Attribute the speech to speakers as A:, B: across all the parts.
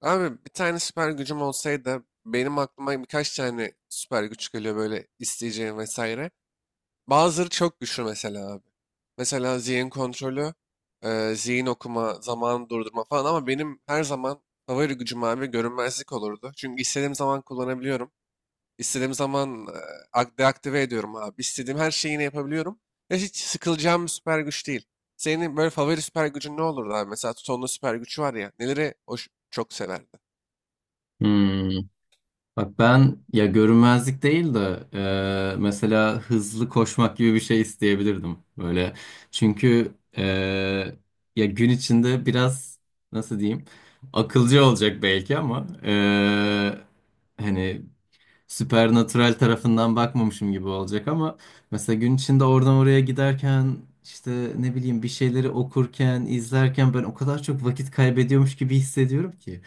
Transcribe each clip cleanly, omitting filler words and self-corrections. A: Abi bir tane süper gücüm olsaydı benim aklıma birkaç tane süper güç geliyor böyle isteyeceğim vesaire. Bazıları çok güçlü mesela abi. Mesela zihin kontrolü, zihin okuma, zaman durdurma falan ama benim her zaman favori gücüm abi görünmezlik olurdu. Çünkü istediğim zaman kullanabiliyorum. İstediğim zaman deaktive ediyorum abi. İstediğim her şeyi yine yapabiliyorum. Ve hiç sıkılacağım bir süper güç değil. Senin böyle favori süper gücün ne olurdu abi? Mesela Tuton'un süper gücü var ya. Neleri hoş, çok severdin?
B: Hmm. Bak ben ya görünmezlik değil de mesela hızlı koşmak gibi bir şey isteyebilirdim böyle. Çünkü ya gün içinde biraz nasıl diyeyim akılcı olacak belki ama hani supernatural tarafından bakmamışım gibi olacak ama mesela gün içinde oradan oraya giderken işte ne bileyim bir şeyleri okurken, izlerken ben o kadar çok vakit kaybediyormuş gibi hissediyorum ki.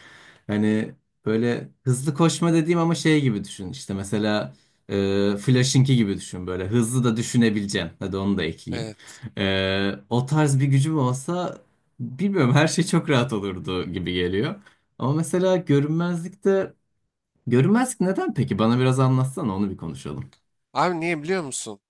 B: Hani böyle hızlı koşma dediğim ama şey gibi düşün. İşte mesela Flash'ınki gibi düşün böyle. Hızlı da düşünebileceğim. Hadi onu da ekleyeyim.
A: Evet.
B: O tarz bir gücüm olsa bilmiyorum, her şey çok rahat olurdu gibi geliyor. Ama mesela görünmezlikte görünmezlik neden peki? Bana biraz anlatsana, onu bir konuşalım.
A: Abi niye biliyor musun?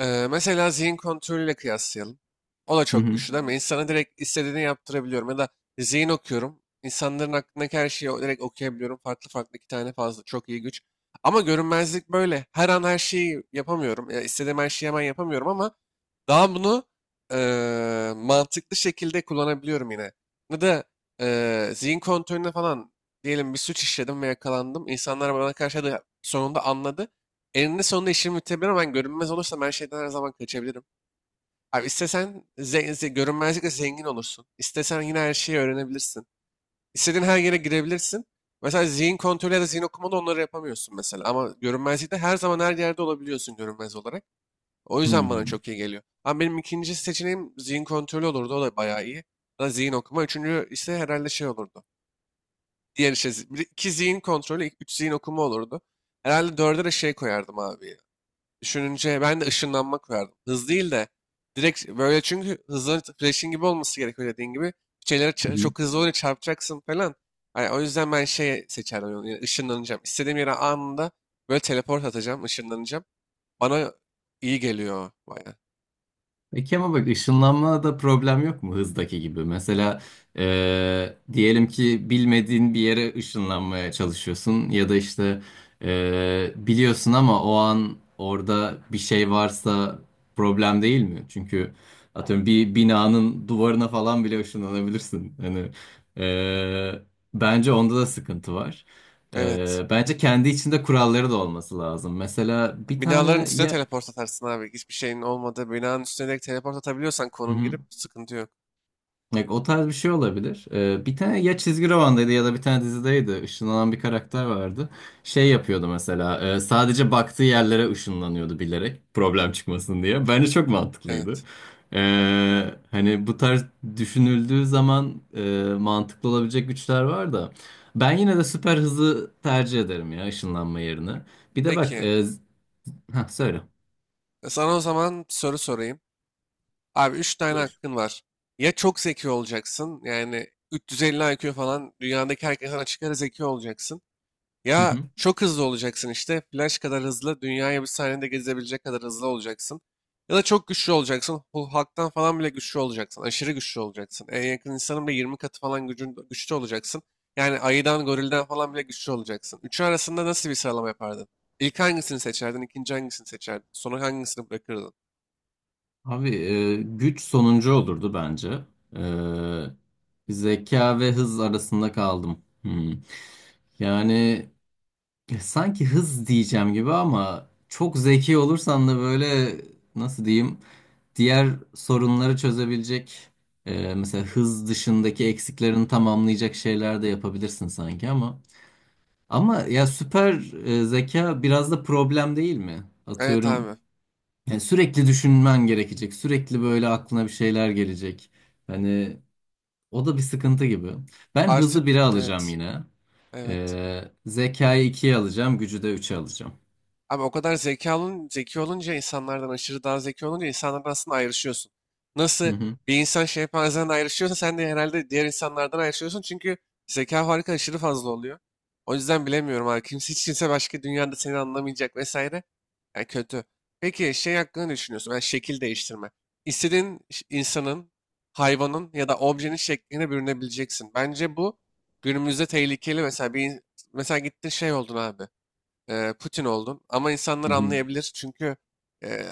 A: Mesela zihin kontrolüyle kıyaslayalım. O da
B: Hı
A: çok
B: hı.
A: güçlü değil mi? İnsana direkt istediğini yaptırabiliyorum. Ya da zihin okuyorum. İnsanların aklındaki her şeyi direkt okuyabiliyorum. Farklı farklı iki tane fazla. Çok iyi güç. Ama görünmezlik böyle. Her an her şeyi yapamıyorum. Ya istediğim her şeyi hemen yapamıyorum ama daha bunu mantıklı şekilde kullanabiliyorum yine. Ya da zihin kontrolüne falan diyelim, bir suç işledim ve yakalandım. İnsanlar bana karşı da sonunda anladı. Eninde sonunda işimi bitirebilir, ben görünmez olursam her şeyden her zaman kaçabilirim. Abi istesen görünmezlikle zengin olursun. İstesen yine her şeyi öğrenebilirsin. İstediğin her yere girebilirsin. Mesela zihin kontrolü ya da zihin okumada onları yapamıyorsun mesela. Ama görünmezlikte her zaman her yerde olabiliyorsun, görünmez olarak. O yüzden
B: Hı
A: bana çok iyi geliyor. Ama benim ikinci seçeneğim zihin kontrolü olurdu. O da bayağı iyi. Ya da zihin okuma. Üçüncü ise herhalde şey olurdu. Diğer işte zi- bir- iki zihin kontrolü, ilk üç zihin okuma olurdu. Herhalde dörde de şey koyardım abi. Ya. Düşününce ben de ışınlanma koyardım. Hız değil de direkt böyle, çünkü hızlı Flash'in gibi olması gerekiyor dediğin gibi. Şeylere
B: hı.
A: çok hızlı oluyor, çarpacaksın falan. Hani o yüzden ben şey seçerdim. Yani ışınlanacağım. İstediğim yere anında böyle teleport atacağım, ışınlanacağım. Bana iyi geliyor o bayağı.
B: Peki ama bak, ışınlanmada problem yok mu hızdaki gibi? Mesela diyelim ki bilmediğin bir yere ışınlanmaya çalışıyorsun ya da işte biliyorsun ama o an orada bir şey varsa problem değil mi? Çünkü atıyorum bir binanın duvarına falan bile ışınlanabilirsin. Hani e, bence onda da sıkıntı var.
A: Evet.
B: Bence kendi içinde kuralları da olması lazım. Mesela bir
A: Binaların
B: tane
A: üstüne
B: ya...
A: teleport atarsın abi. Hiçbir şeyin olmadığı binanın üstüne direkt teleport atabiliyorsan,
B: Hı
A: konum
B: hı.
A: girip, sıkıntı yok.
B: Bak, o tarz bir şey olabilir. Bir tane ya çizgi romandaydı ya da bir tane dizideydi. Işınlanan bir karakter vardı. Şey yapıyordu mesela. Sadece baktığı yerlere ışınlanıyordu bilerek. Problem çıkmasın diye. Bence çok mantıklıydı.
A: Evet.
B: Hani bu tarz düşünüldüğü zaman mantıklı olabilecek güçler var da. Ben yine de süper hızı tercih ederim ya ışınlanma yerine. Bir de bak.
A: Peki.
B: Ha söyle.
A: Sana o zaman soru sorayım. Abi 3 tane
B: Buyur.
A: hakkın var. Ya çok zeki olacaksın. Yani 350 IQ falan, dünyadaki herkesten açık ara zeki olacaksın. Ya çok hızlı olacaksın işte. Flash kadar hızlı. Dünyayı bir saniyede gezebilecek kadar hızlı olacaksın. Ya da çok güçlü olacaksın. Hulk'tan falan bile güçlü olacaksın. Aşırı güçlü olacaksın. En yakın insanın bile 20 katı falan gücün, güçlü olacaksın. Yani ayıdan, gorilden falan bile güçlü olacaksın. Üçü arasında nasıl bir sıralama yapardın? İlk hangisini seçerdin? İkinci hangisini seçerdin? Sonra hangisini bırakırdın?
B: Abi güç sonuncu olurdu bence. Zeka ve hız arasında kaldım. Hmm. Yani sanki hız diyeceğim gibi ama çok zeki olursan da böyle nasıl diyeyim, diğer sorunları çözebilecek, mesela hız dışındaki eksiklerini tamamlayacak şeyler de yapabilirsin sanki ama ya süper zeka biraz da problem değil mi?
A: Evet
B: Atıyorum.
A: abi.
B: Yani sürekli düşünmen gerekecek. Sürekli böyle aklına bir şeyler gelecek. Hani o da bir sıkıntı gibi. Ben
A: Artık
B: hızı 1'e alacağım
A: evet.
B: yine.
A: Evet.
B: Zekayı ikiye alacağım. Gücü de üçe alacağım.
A: Abi o kadar zeki olun, zeki olunca insanlardan, aşırı daha zeki olunca insanlardan aslında ayrışıyorsun. Nasıl
B: Hı hı.
A: bir insan şempanzeden ayrışıyorsa sen de herhalde diğer insanlardan ayrışıyorsun. Çünkü zeka farkı aşırı fazla oluyor. O yüzden bilemiyorum abi. Kimse, hiç kimse başka dünyada seni anlamayacak vesaire. Yani kötü. Peki şey hakkında ne düşünüyorsun? Yani şekil değiştirme. İstediğin ş- insanın, hayvanın ya da objenin şekline bürünebileceksin. Bence bu günümüzde tehlikeli. Mesela bir mesela gittin şey oldun abi, Putin oldum. Ama insanlar
B: Hı hı.
A: anlayabilir, çünkü e,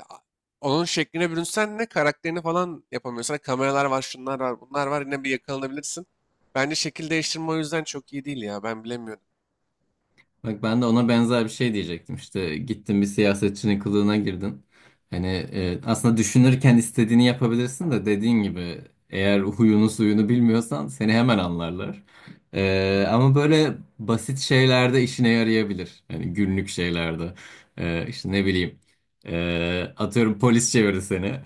A: onun şekline bürünsen ne karakterini falan yapamıyorsun. Kameralar var, şunlar var, bunlar var. Yine bir yakalanabilirsin. Bence şekil değiştirme o yüzden çok iyi değil ya. Ben bilemiyorum.
B: Bak, ben de ona benzer bir şey diyecektim. İşte gittin, bir siyasetçinin kılığına girdin. Hani aslında düşünürken istediğini yapabilirsin de dediğin gibi, eğer huyunu suyunu bilmiyorsan seni hemen anlarlar. Ama böyle basit şeylerde işine yarayabilir. Hani günlük şeylerde. İşte ne bileyim. Atıyorum polis çevirdi seni.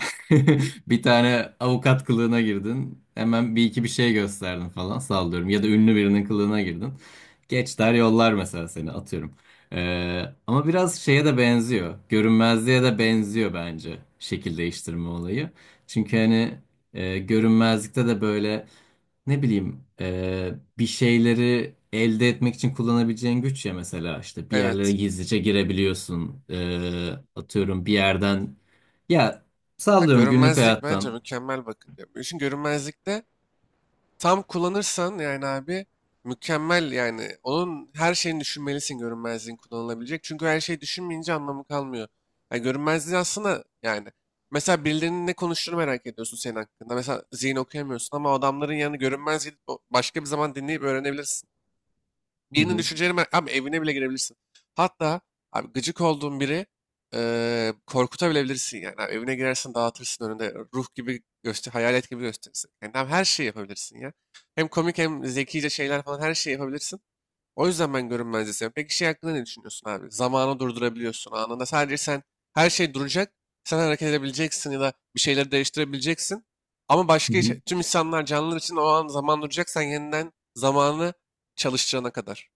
B: Bir tane avukat kılığına girdin. Hemen bir iki bir şey gösterdin falan, sallıyorum. Ya da ünlü birinin kılığına girdin. Geç der yollar mesela seni, atıyorum. Ama biraz şeye de benziyor. Görünmezliğe de benziyor bence şekil değiştirme olayı. Çünkü hani görünmezlikte de böyle ne bileyim, bir şeyleri elde etmek için kullanabileceğin güç ya, mesela işte bir yerlere
A: Evet.
B: gizlice girebiliyorsun. Atıyorum bir yerden ya,
A: Ha,
B: sallıyorum günlük
A: görünmezlik bence
B: hayattan.
A: mükemmel, bakın diyorum. İşin görünmezlikte tam kullanırsan yani abi, mükemmel yani. Onun her şeyini düşünmelisin görünmezliğin kullanılabilecek. Çünkü her şeyi düşünmeyince anlamı kalmıyor. Yani görünmezliği aslında yani. Mesela birilerinin ne konuştuğunu merak ediyorsun senin hakkında. Mesela zihin okuyamıyorsun ama o adamların yanını görünmez gidip başka bir zaman dinleyip öğrenebilirsin. Birinin
B: Hı
A: düşünceleri abi evine bile girebilirsin. Hatta abi, gıcık olduğun biri, korkutabilebilirsin yani. Abi evine girersin, dağıtırsın, önünde ruh gibi göster, hayalet gibi gösterirsin. Yani tam her şeyi yapabilirsin ya. Hem komik hem zekice şeyler falan, her şeyi yapabilirsin. O yüzden ben görünmezliği seviyorum. Peki şey hakkında ne düşünüyorsun abi? Zamanı durdurabiliyorsun anında. Sadece sen, her şey duracak. Sen hareket edebileceksin ya da bir şeyleri değiştirebileceksin. Ama başka
B: hı.
A: tüm insanlar, canlılar için o an zaman duracak. Sen yeniden zamanı çalıştırana kadar.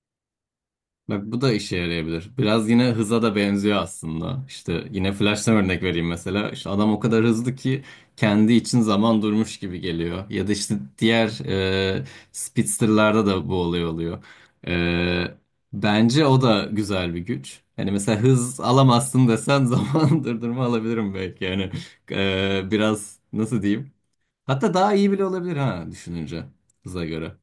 B: Bak, bu da işe yarayabilir. Biraz yine hıza da benziyor aslında. İşte yine Flash'tan örnek vereyim mesela. İşte adam o kadar hızlı ki kendi için zaman durmuş gibi geliyor. Ya da işte diğer e, Speedster'larda da bu olay oluyor. E, Bence o da güzel bir güç. Hani mesela hız alamazsın desen zaman durdurma alabilirim belki. Yani biraz nasıl diyeyim? Hatta daha iyi bile olabilir ha, düşününce hıza göre.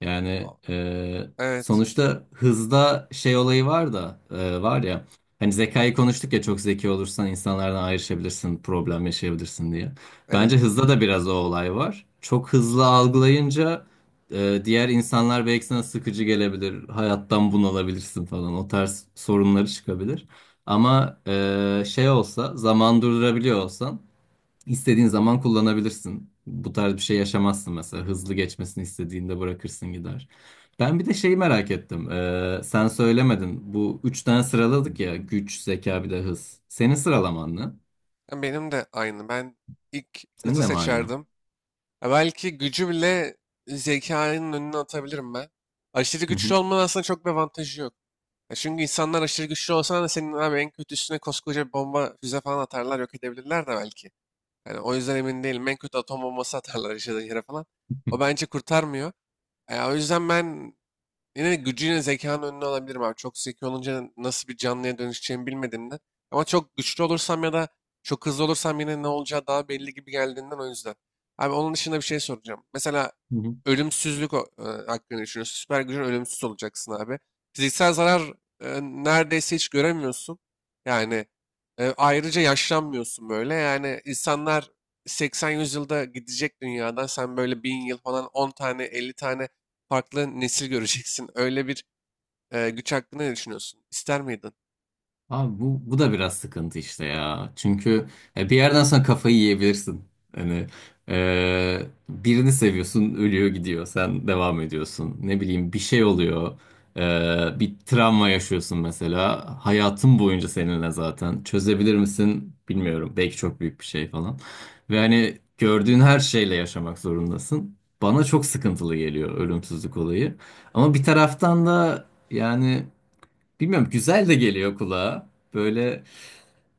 B: Yani
A: A- Evet,
B: sonuçta hızda şey olayı var da, var ya, hani zekayı konuştuk ya, çok zeki olursan insanlardan ayrışabilirsin, problem yaşayabilirsin diye.
A: evet.
B: Bence hızda da biraz o olay var. Çok hızlı algılayınca diğer insanlar belki sana sıkıcı gelebilir, hayattan bunalabilirsin falan, o tarz sorunları çıkabilir. Ama şey olsa, zaman durdurabiliyor olsan, İstediğin zaman kullanabilirsin. Bu tarz bir şey yaşamazsın mesela. Hızlı geçmesini istediğinde bırakırsın gider. Ben bir de şeyi merak ettim. Sen söylemedin. Bu üç tane sıraladık ya. Güç, zeka bir de hız. Senin sıralaman ne?
A: Ya, benim de aynı. Ben ilk
B: Senin
A: hızı
B: de mi aynı?
A: seçerdim. Ya belki gücü bile zekanın önüne atabilirim ben. Aşırı
B: Hı hı.
A: güçlü olmanın aslında çok bir avantajı yok. Ya çünkü insanlar aşırı güçlü olsa da senin abi, en kötüsüne koskoca bir bomba, füze falan atarlar, yok edebilirler de belki. Yani o yüzden emin değilim. En kötü atom bombası atarlar yaşadığın yere falan. O bence kurtarmıyor. Ya o yüzden ben, yine gücüyle zekanın önüne alabilirim abi. Çok zeki olunca nasıl bir canlıya dönüşeceğimi bilmediğimden. Ama çok güçlü olursam ya da çok hızlı olursam yine ne olacağı daha belli gibi geldiğinden, o yüzden. Abi onun dışında bir şey soracağım. Mesela ölümsüzlük hakkında düşünüyorsun. Süper gücün, ölümsüz olacaksın abi. Fiziksel zarar neredeyse hiç göremiyorsun. Yani ayrıca yaşlanmıyorsun böyle. Yani insanlar 80-100 yılda gidecek dünyadan. Sen böyle 1.000 yıl falan, 10 tane, 50 tane farklı nesil göreceksin. Öyle bir güç hakkında ne düşünüyorsun? İster miydin?
B: Abi bu da biraz sıkıntı işte ya. Çünkü bir yerden sonra kafayı yiyebilirsin. Hani e, birini seviyorsun, ölüyor gidiyor, sen devam ediyorsun. Ne bileyim bir şey oluyor. Bir travma yaşıyorsun mesela. Hayatın boyunca seninle zaten. Çözebilir misin bilmiyorum. Belki çok büyük bir şey falan. Ve hani gördüğün her şeyle yaşamak zorundasın. Bana çok sıkıntılı geliyor ölümsüzlük olayı. Ama bir taraftan da yani... Bilmiyorum, güzel de geliyor kulağa. Böyle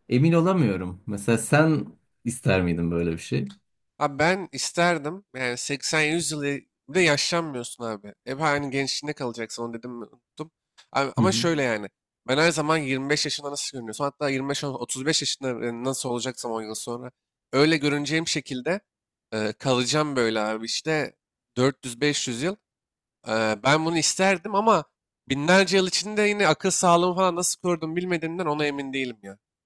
B: emin olamıyorum. Mesela sen ister miydin böyle bir şey?
A: Abi ben isterdim. Yani 80-100 yıl bir de yaşlanmıyorsun abi. Hep aynı gençliğinde kalacaksın. Onu dedim mi, unuttum. Abi,
B: Hı
A: ama
B: hı.
A: şöyle yani. Ben her zaman 25 yaşında nasıl görünüyorsam, hatta 25-35 yaşında nasıl olacaksam 10 yıl sonra öyle görüneceğim şekilde kalacağım böyle abi, işte 400-500 yıl. Ben bunu isterdim ama binlerce yıl içinde yine akıl sağlığımı falan nasıl korudum bilmediğimden ona emin değilim ya.